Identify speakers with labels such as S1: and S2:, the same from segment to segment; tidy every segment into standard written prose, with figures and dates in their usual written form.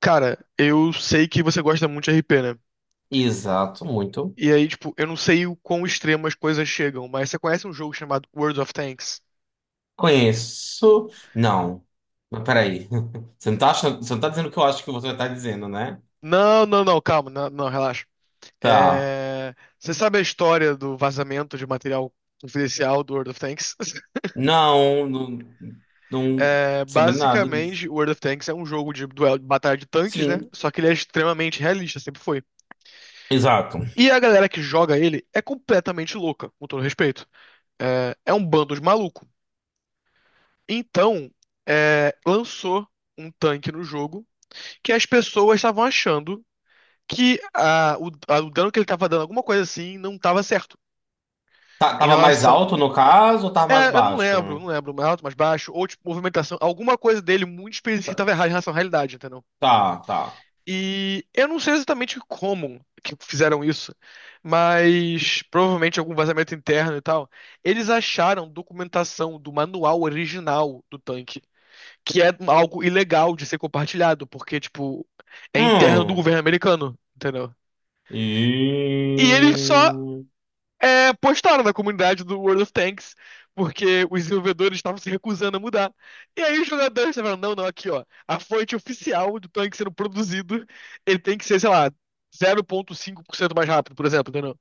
S1: Cara, eu sei que você gosta muito de RP, né?
S2: Exato, muito.
S1: E aí, tipo, eu não sei o quão extremo as coisas chegam, mas você conhece um jogo chamado World of Tanks?
S2: Conheço. Não. Mas peraí. Você não tá dizendo o que eu acho que você tá dizendo, né?
S1: Não, não, não, calma, não, não, relaxa.
S2: Tá.
S1: Você sabe a história do vazamento de material confidencial do World of Tanks?
S2: Não, não, não, sabendo nada disso.
S1: Basicamente, o World of Tanks é um jogo de duelo, de batalha de tanques, né?
S2: Sim,
S1: Só que ele é extremamente realista, sempre foi.
S2: exato.
S1: E a galera que joga ele é completamente louca, com todo respeito. É um bando de maluco. Então, lançou um tanque no jogo que as pessoas estavam achando que o dano que ele estava dando, alguma coisa assim, não estava certo. Em
S2: Tava mais
S1: relação.
S2: alto no caso ou tava mais
S1: Eu não
S2: baixo?
S1: lembro, não lembro, mais alto, mais baixo, ou tipo, movimentação, alguma coisa dele muito específica estava errada em relação à realidade, entendeu?
S2: Tá.
S1: E eu não sei exatamente como que fizeram isso, mas provavelmente algum vazamento interno e tal. Eles acharam documentação do manual original do tanque, que é algo ilegal de ser compartilhado, porque, tipo, é interno do
S2: Hum.
S1: governo americano, entendeu? E eles só
S2: E...
S1: postaram na comunidade do World of Tanks, porque os desenvolvedores estavam se recusando a mudar. E aí os jogadores falaram, não, não, aqui, ó, a fonte oficial do tanque sendo produzido, ele tem que ser, sei lá, 0,5% mais rápido, por exemplo, entendeu?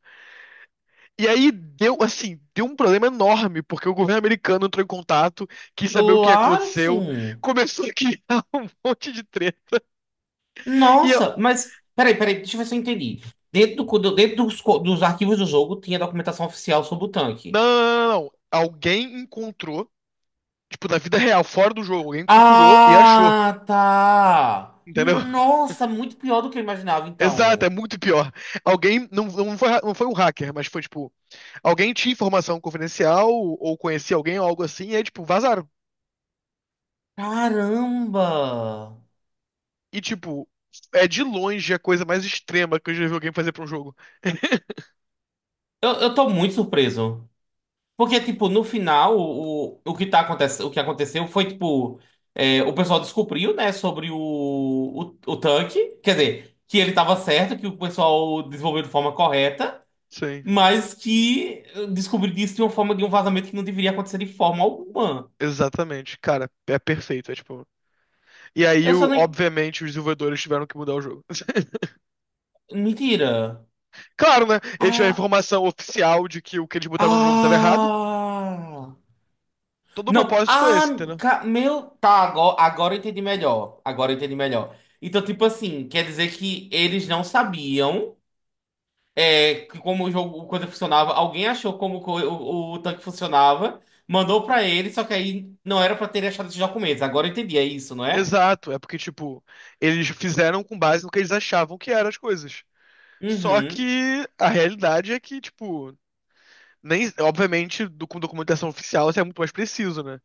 S1: E aí deu, assim, deu um problema enorme, porque o governo americano entrou em contato, quis saber o que
S2: Claro que
S1: aconteceu,
S2: sim.
S1: começou a criar um monte de treta. E
S2: Nossa, mas peraí, deixa eu ver se eu entendi. Dentro dos arquivos do jogo tinha documentação oficial sobre o
S1: Não,
S2: tanque.
S1: não, não, não. Alguém encontrou, tipo, na vida real, fora do jogo, alguém procurou e achou.
S2: Ah, tá.
S1: Entendeu?
S2: Nossa, muito pior do que eu imaginava,
S1: Exato, é
S2: então.
S1: muito pior. Alguém, não, não foi, não foi um hacker, mas foi tipo, alguém tinha informação confidencial ou conhecia alguém ou algo assim, e aí, tipo, vazaram.
S2: Caramba!
S1: E, tipo, é de longe a coisa mais extrema que eu já vi alguém fazer pra um jogo.
S2: Eu tô muito surpreso. Porque, tipo, no final, o que aconteceu foi, tipo, o pessoal descobriu, né, sobre o tanque. Quer dizer, que ele tava certo, que o pessoal desenvolveu de forma correta.
S1: Sim,
S2: Mas que eu descobri disso de uma forma de um vazamento que não deveria acontecer de forma alguma.
S1: exatamente. Cara, é perfeito. É tipo. E aí,
S2: Eu só nem.
S1: obviamente, os desenvolvedores tiveram que mudar o jogo.
S2: Mentira.
S1: Claro, né? Eles tiveram a
S2: Ah.
S1: informação oficial de que o que eles botaram no jogo estava errado.
S2: Ah.
S1: Todo o
S2: Não.
S1: propósito foi
S2: Ah,
S1: esse, entendeu?
S2: ca- meu. Tá, agora eu entendi melhor. Agora eu entendi melhor. Então, tipo assim, quer dizer que eles não sabiam que como o coisa funcionava. Alguém achou como o tanque funcionava, mandou pra ele, só que aí não era pra ter achado esses documentos. Agora eu entendi, é isso, não é?
S1: Exato. É porque, tipo, eles fizeram com base no que eles achavam que eram as coisas. Só
S2: Uhum.
S1: que a realidade é que, tipo, nem, obviamente, do, com documentação oficial isso é muito mais preciso, né?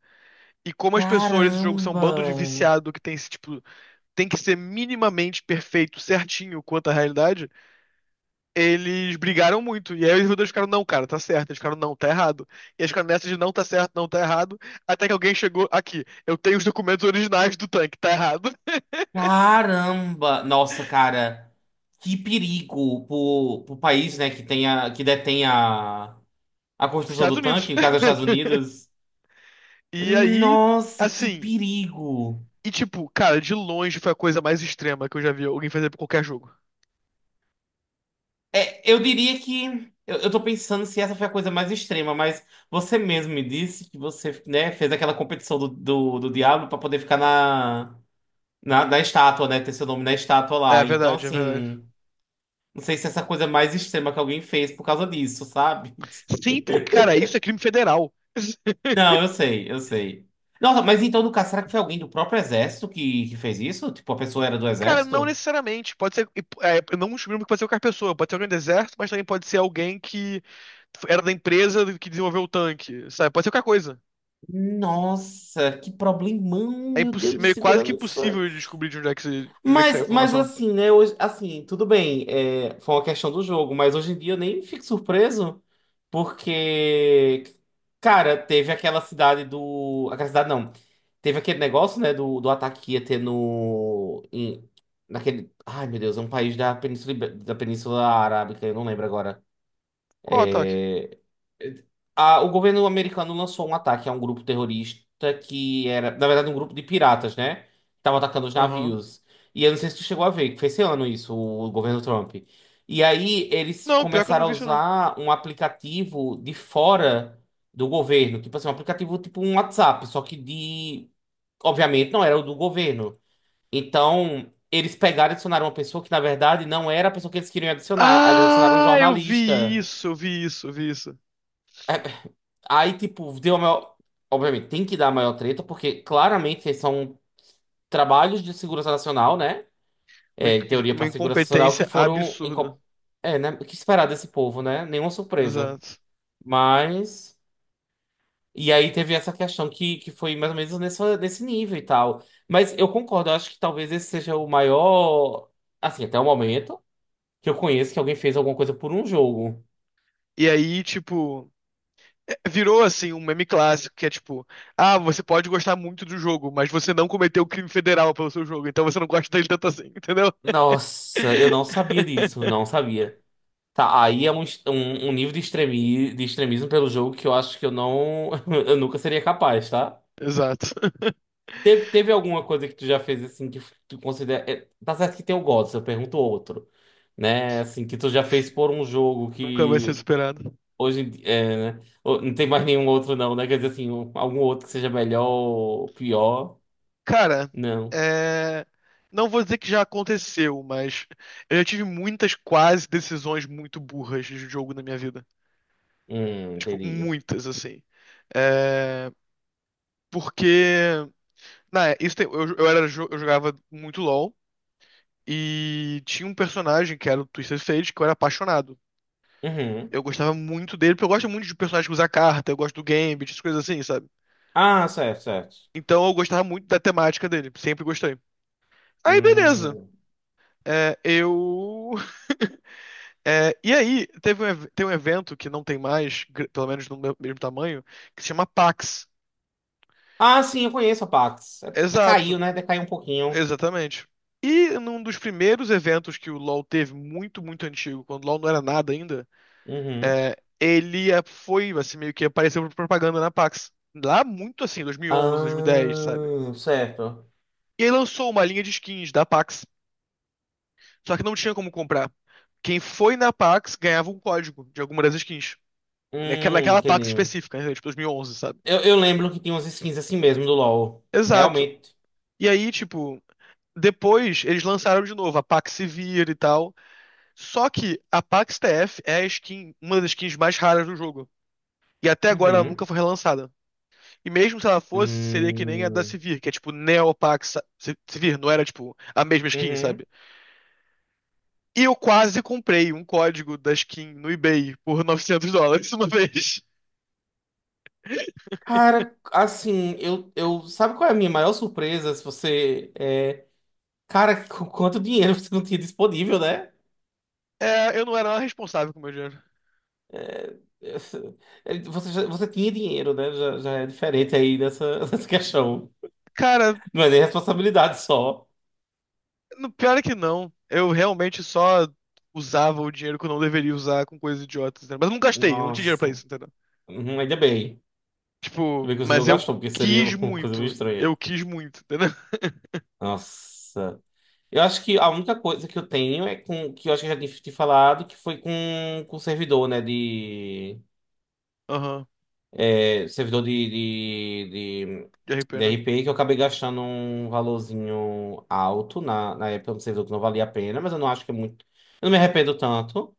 S1: E como as pessoas nesse jogo são um
S2: Caramba!
S1: bando de viciado que tem esse, tipo, tem que ser minimamente perfeito, certinho quanto à realidade, eles brigaram muito. E aí os dois ficaram, não, cara, tá certo. Eles ficaram, não, tá errado. E eles ficaram nessa de não tá certo, não tá errado. Até que alguém chegou aqui. Eu tenho os documentos originais do tanque, tá errado.
S2: Caramba! Nossa, cara, que perigo pro país, né, que detém a construção
S1: Estados
S2: do
S1: Unidos.
S2: tanque, no caso dos Estados Unidos.
S1: E aí,
S2: Nossa, que
S1: assim.
S2: perigo!
S1: E tipo, cara, de longe foi a coisa mais extrema que eu já vi alguém fazer pra qualquer jogo.
S2: É, eu diria que. Eu tô pensando se essa foi a coisa mais extrema, mas você mesmo me disse que você, né, fez aquela competição do Diablo pra poder ficar na estátua, né, ter seu nome na estátua
S1: É
S2: lá. Então,
S1: verdade, é verdade.
S2: assim. Não sei se é essa coisa mais extrema que alguém fez por causa disso, sabe?
S1: Sim, porque, cara, isso é crime federal.
S2: Não, eu sei. Nossa, mas então, no caso, será que foi alguém do próprio exército que fez isso? Tipo, a pessoa era do
S1: Cara, não
S2: exército?
S1: necessariamente. Pode ser. É, não um crime que pode ser qualquer pessoa. Pode ser alguém do exército, mas também pode ser alguém que era da empresa que desenvolveu o tanque, sabe? Pode ser qualquer coisa.
S2: Nossa, que problemão,
S1: É
S2: meu Deus,
S1: impossi-
S2: de
S1: meio quase que
S2: segurança.
S1: impossível de descobrir de onde é que, de onde é que saiu a
S2: Mas
S1: informação.
S2: assim, né? Hoje, assim, tudo bem, foi uma questão do jogo, mas hoje em dia eu nem fico surpreso, porque, cara, teve aquela cidade do. Aquela cidade não. Teve aquele negócio, né, do ataque que ia ter no. em- naquele. Ai, meu Deus, é um país da Península Arábica, eu não lembro agora
S1: Qual o ataque?
S2: o governo americano lançou um ataque a um grupo terrorista que era, na verdade, um grupo de piratas, né? Que estavam atacando os
S1: Aham.
S2: navios. E eu não sei se tu chegou a ver, que foi esse ano isso, o governo Trump. E aí eles
S1: Não, pior que eu não
S2: começaram a
S1: vi isso, não.
S2: usar um aplicativo de fora do governo, tipo assim, um aplicativo tipo um WhatsApp, só que de, obviamente, não era o do governo. Então, eles pegaram e adicionaram uma pessoa que, na verdade, não era a pessoa que eles queriam adicionar. Eles adicionaram um
S1: Ah, eu vi
S2: jornalista.
S1: isso, eu vi isso, eu vi isso.
S2: É, Aí, tipo, deu a maior. Obviamente, tem que dar a maior treta, porque claramente são trabalhos de segurança nacional, né?
S1: Uma,
S2: É, em
S1: inc-
S2: teoria
S1: uma
S2: para segurança nacional,
S1: incompetência absurda.
S2: É, né? O que esperar desse povo, né? Nenhuma surpresa.
S1: Exato.
S2: Mas. E aí teve essa questão que foi mais ou menos nessa, nesse nível e tal. Mas eu concordo, eu acho que talvez esse seja o maior. Assim, até o momento, que eu conheço que alguém fez alguma coisa por um jogo.
S1: E aí, tipo. Virou assim um meme clássico que é tipo, ah, você pode gostar muito do jogo, mas você não cometeu crime federal pelo seu jogo, então você não gosta dele tanto assim, entendeu?
S2: Nossa, eu não sabia disso, não sabia. Tá, aí é um nível de, extremismo pelo jogo que eu acho que eu não. Eu nunca seria capaz, tá?
S1: Exato.
S2: Teve alguma coisa que tu já fez assim que tá certo que tem o GOTS, eu pergunto outro. Né? Assim, que tu já fez por um jogo
S1: Nunca vai ser
S2: que
S1: superado.
S2: É, né? Ô, Não tem mais nenhum outro, não, né? Quer dizer assim, algum outro que seja melhor ou pior.
S1: Cara,
S2: Não.
S1: é... não vou dizer que já aconteceu, mas eu já tive muitas quase decisões muito burras de jogo na minha vida. Tipo,
S2: Entendi.
S1: muitas assim. É... Porque eu jogava muito LoL. E tinha um personagem que era o Twisted Fate, que eu era apaixonado.
S2: Uhum.
S1: Eu gostava muito dele, porque eu gosto muito de personagens que usa carta, eu gosto do Gambit, essas coisas assim, sabe?
S2: Ah, certo.
S1: Então eu gostava muito da temática dele, sempre gostei. Aí, beleza.
S2: Hum.
S1: É, eu. E aí, tem um evento que não tem mais, pelo menos no meu- mesmo tamanho, que se chama PAX.
S2: Ah, sim, eu conheço a Pax.
S1: Exato,
S2: Caiu, né? Decaiu um pouquinho.
S1: exatamente. E num dos primeiros eventos que o LoL teve, muito, muito antigo, quando o LoL não era nada ainda,
S2: Uhum.
S1: Ele foi, assim, meio que apareceu por propaganda na Pax. Lá muito assim, 2011, 2010, sabe?
S2: Ah, certo.
S1: E aí lançou uma linha de skins da Pax, só que não tinha como comprar. Quem foi na Pax ganhava um código de alguma das skins. Naquela, naquela Pax
S2: Entendi.
S1: específica, né? Tipo 2011, sabe?
S2: Eu lembro que tinha umas skins assim mesmo do LoL.
S1: Exato.
S2: Realmente.
S1: E aí, tipo, depois eles lançaram de novo a Pax Severe e tal. Só que a Pax TF é a skin, uma das skins mais raras do jogo. E até agora ela
S2: Uhum.
S1: nunca foi relançada. E mesmo se ela fosse, seria que nem a da
S2: Hum.
S1: Sivir, que é tipo Neopax Sivir, não era tipo a mesma skin,
S2: Uhum.
S1: sabe? E eu quase comprei um código da skin no eBay por 900 dólares uma vez.
S2: Cara, assim, eu, eu. Sabe qual é a minha maior surpresa? Se você. É... Cara, com quanto dinheiro você não tinha disponível, né?
S1: É, eu não era nada responsável com o meu dinheiro.
S2: É, Você, você tinha dinheiro, né? Já é diferente aí dessa, dessa questão.
S1: Cara,
S2: Não é nem responsabilidade só.
S1: no, pior é que não. Eu realmente só usava o dinheiro que eu não deveria usar com coisas idiotas, entendeu? Mas eu não gastei, eu não tinha dinheiro pra
S2: Nossa.
S1: isso, entendeu?
S2: Uhum, ainda bem. Ainda
S1: Tipo,
S2: bem que você não
S1: mas eu
S2: gastou, porque seria
S1: quis
S2: uma coisa meio
S1: muito.
S2: estranha.
S1: Eu quis muito, entendeu?
S2: Nossa. Eu acho que a única coisa que eu tenho é com que eu acho que eu já tinha te falado, que foi com servidor, né?
S1: Aham,
S2: Servidor de,
S1: de RP,
S2: de
S1: né?
S2: RP, que eu acabei gastando um valorzinho alto na, na época, um servidor que não valia a pena, mas eu não acho que é muito. Eu não me arrependo tanto.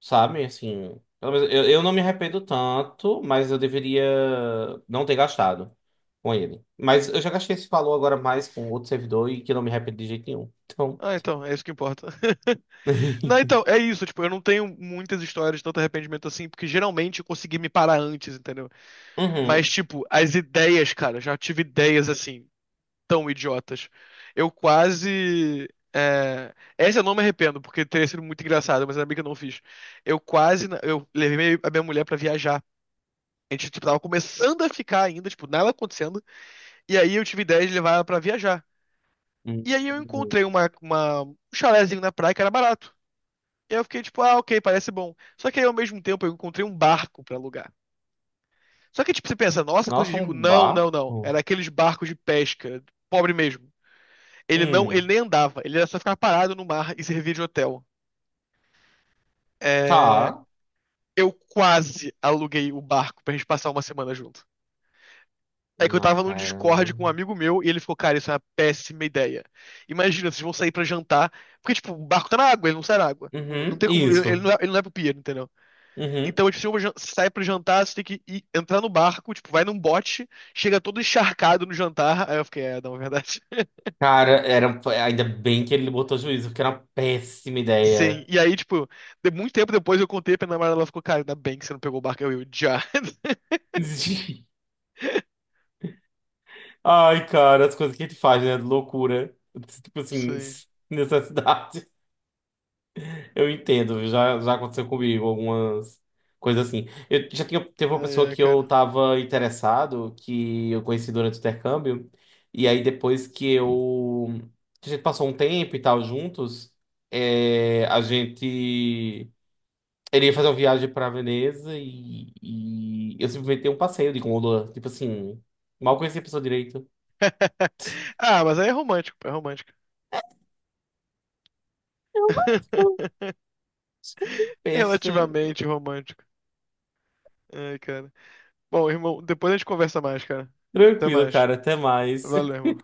S2: Sabe, assim, pelo menos eu não me arrependo tanto, mas eu deveria não ter gastado com ele. Mas eu já gastei esse valor agora mais com outro servidor e que eu não me arrependo de jeito nenhum. Então.
S1: Ah, então, é isso que importa. Não, então, é isso, tipo, eu não tenho muitas histórias de tanto arrependimento assim, porque geralmente eu consegui me parar antes, entendeu? Mas,
S2: Uhum.
S1: tipo, as ideias, cara, já tive ideias assim, tão idiotas. Eu quase. Essa eu não me arrependo, porque teria sido muito engraçado, mas ainda bem que eu não fiz. Eu quase. Eu levei a minha mulher pra viajar. A gente, tipo, tava começando a ficar ainda, tipo, nada acontecendo, e aí eu tive ideia de levar ela pra viajar.
S2: Hum.
S1: E aí eu encontrei uma, um chalézinho na praia que era barato. E aí eu fiquei tipo, ah, ok, parece bom. Só que aí, ao mesmo tempo, eu encontrei um barco pra alugar. Só que, tipo, você pensa, nossa, coisa de
S2: Nossa, um
S1: rico. Não, não, não.
S2: barco?
S1: Era aqueles barcos de pesca, pobre mesmo. Ele não, ele
S2: Hum,
S1: nem andava, ele era só ficar parado no mar e servir de hotel. É,
S2: tá.
S1: Eu quase aluguei o barco pra gente passar uma semana junto. É que eu
S2: Não,
S1: tava no
S2: cara.
S1: Discord com um
S2: Uhum,
S1: amigo meu e ele ficou, cara, isso é uma péssima ideia. Imagina, vocês vão sair pra jantar, porque, tipo, o barco tá na água, ele não sai na água. Não tem como, ele não
S2: isso.
S1: é, ele não é pro pier, entendeu?
S2: Uhum.
S1: Então, tipo, você sai pro jantar, você tem que entrar no barco, tipo, vai num bote, chega todo encharcado no jantar. Aí eu fiquei, não, é verdade.
S2: Cara, era, ainda bem que ele botou juízo, porque era uma péssima
S1: Sim,
S2: ideia.
S1: e aí, tipo, de muito tempo depois eu contei pra minha namorada, ela ficou, cara, ainda bem que você não pegou o barco, eu já.
S2: Ai, cara, as coisas que a gente faz, né? Loucura. Tipo assim,
S1: Sim,
S2: necessidade. Eu entendo, viu? Já aconteceu comigo algumas coisas assim. Teve uma
S1: ai,
S2: pessoa
S1: ai,
S2: que eu
S1: cara.
S2: tava interessado, que eu conheci durante o intercâmbio, e aí depois que eu. Que A gente passou um tempo e tal juntos, é, a gente. Ele ia fazer uma viagem pra Veneza e eu simplesmente dei um passeio de gôndola. Tipo assim, mal conhecia a pessoa direito.
S1: Ah, mas aí é romântico, pô, é romântico.
S2: Acho que é besta.
S1: Relativamente romântico. Ai, cara. Bom, irmão, depois a gente conversa mais, cara. Até
S2: Tranquilo,
S1: mais.
S2: cara. Até mais.
S1: Valeu, irmão.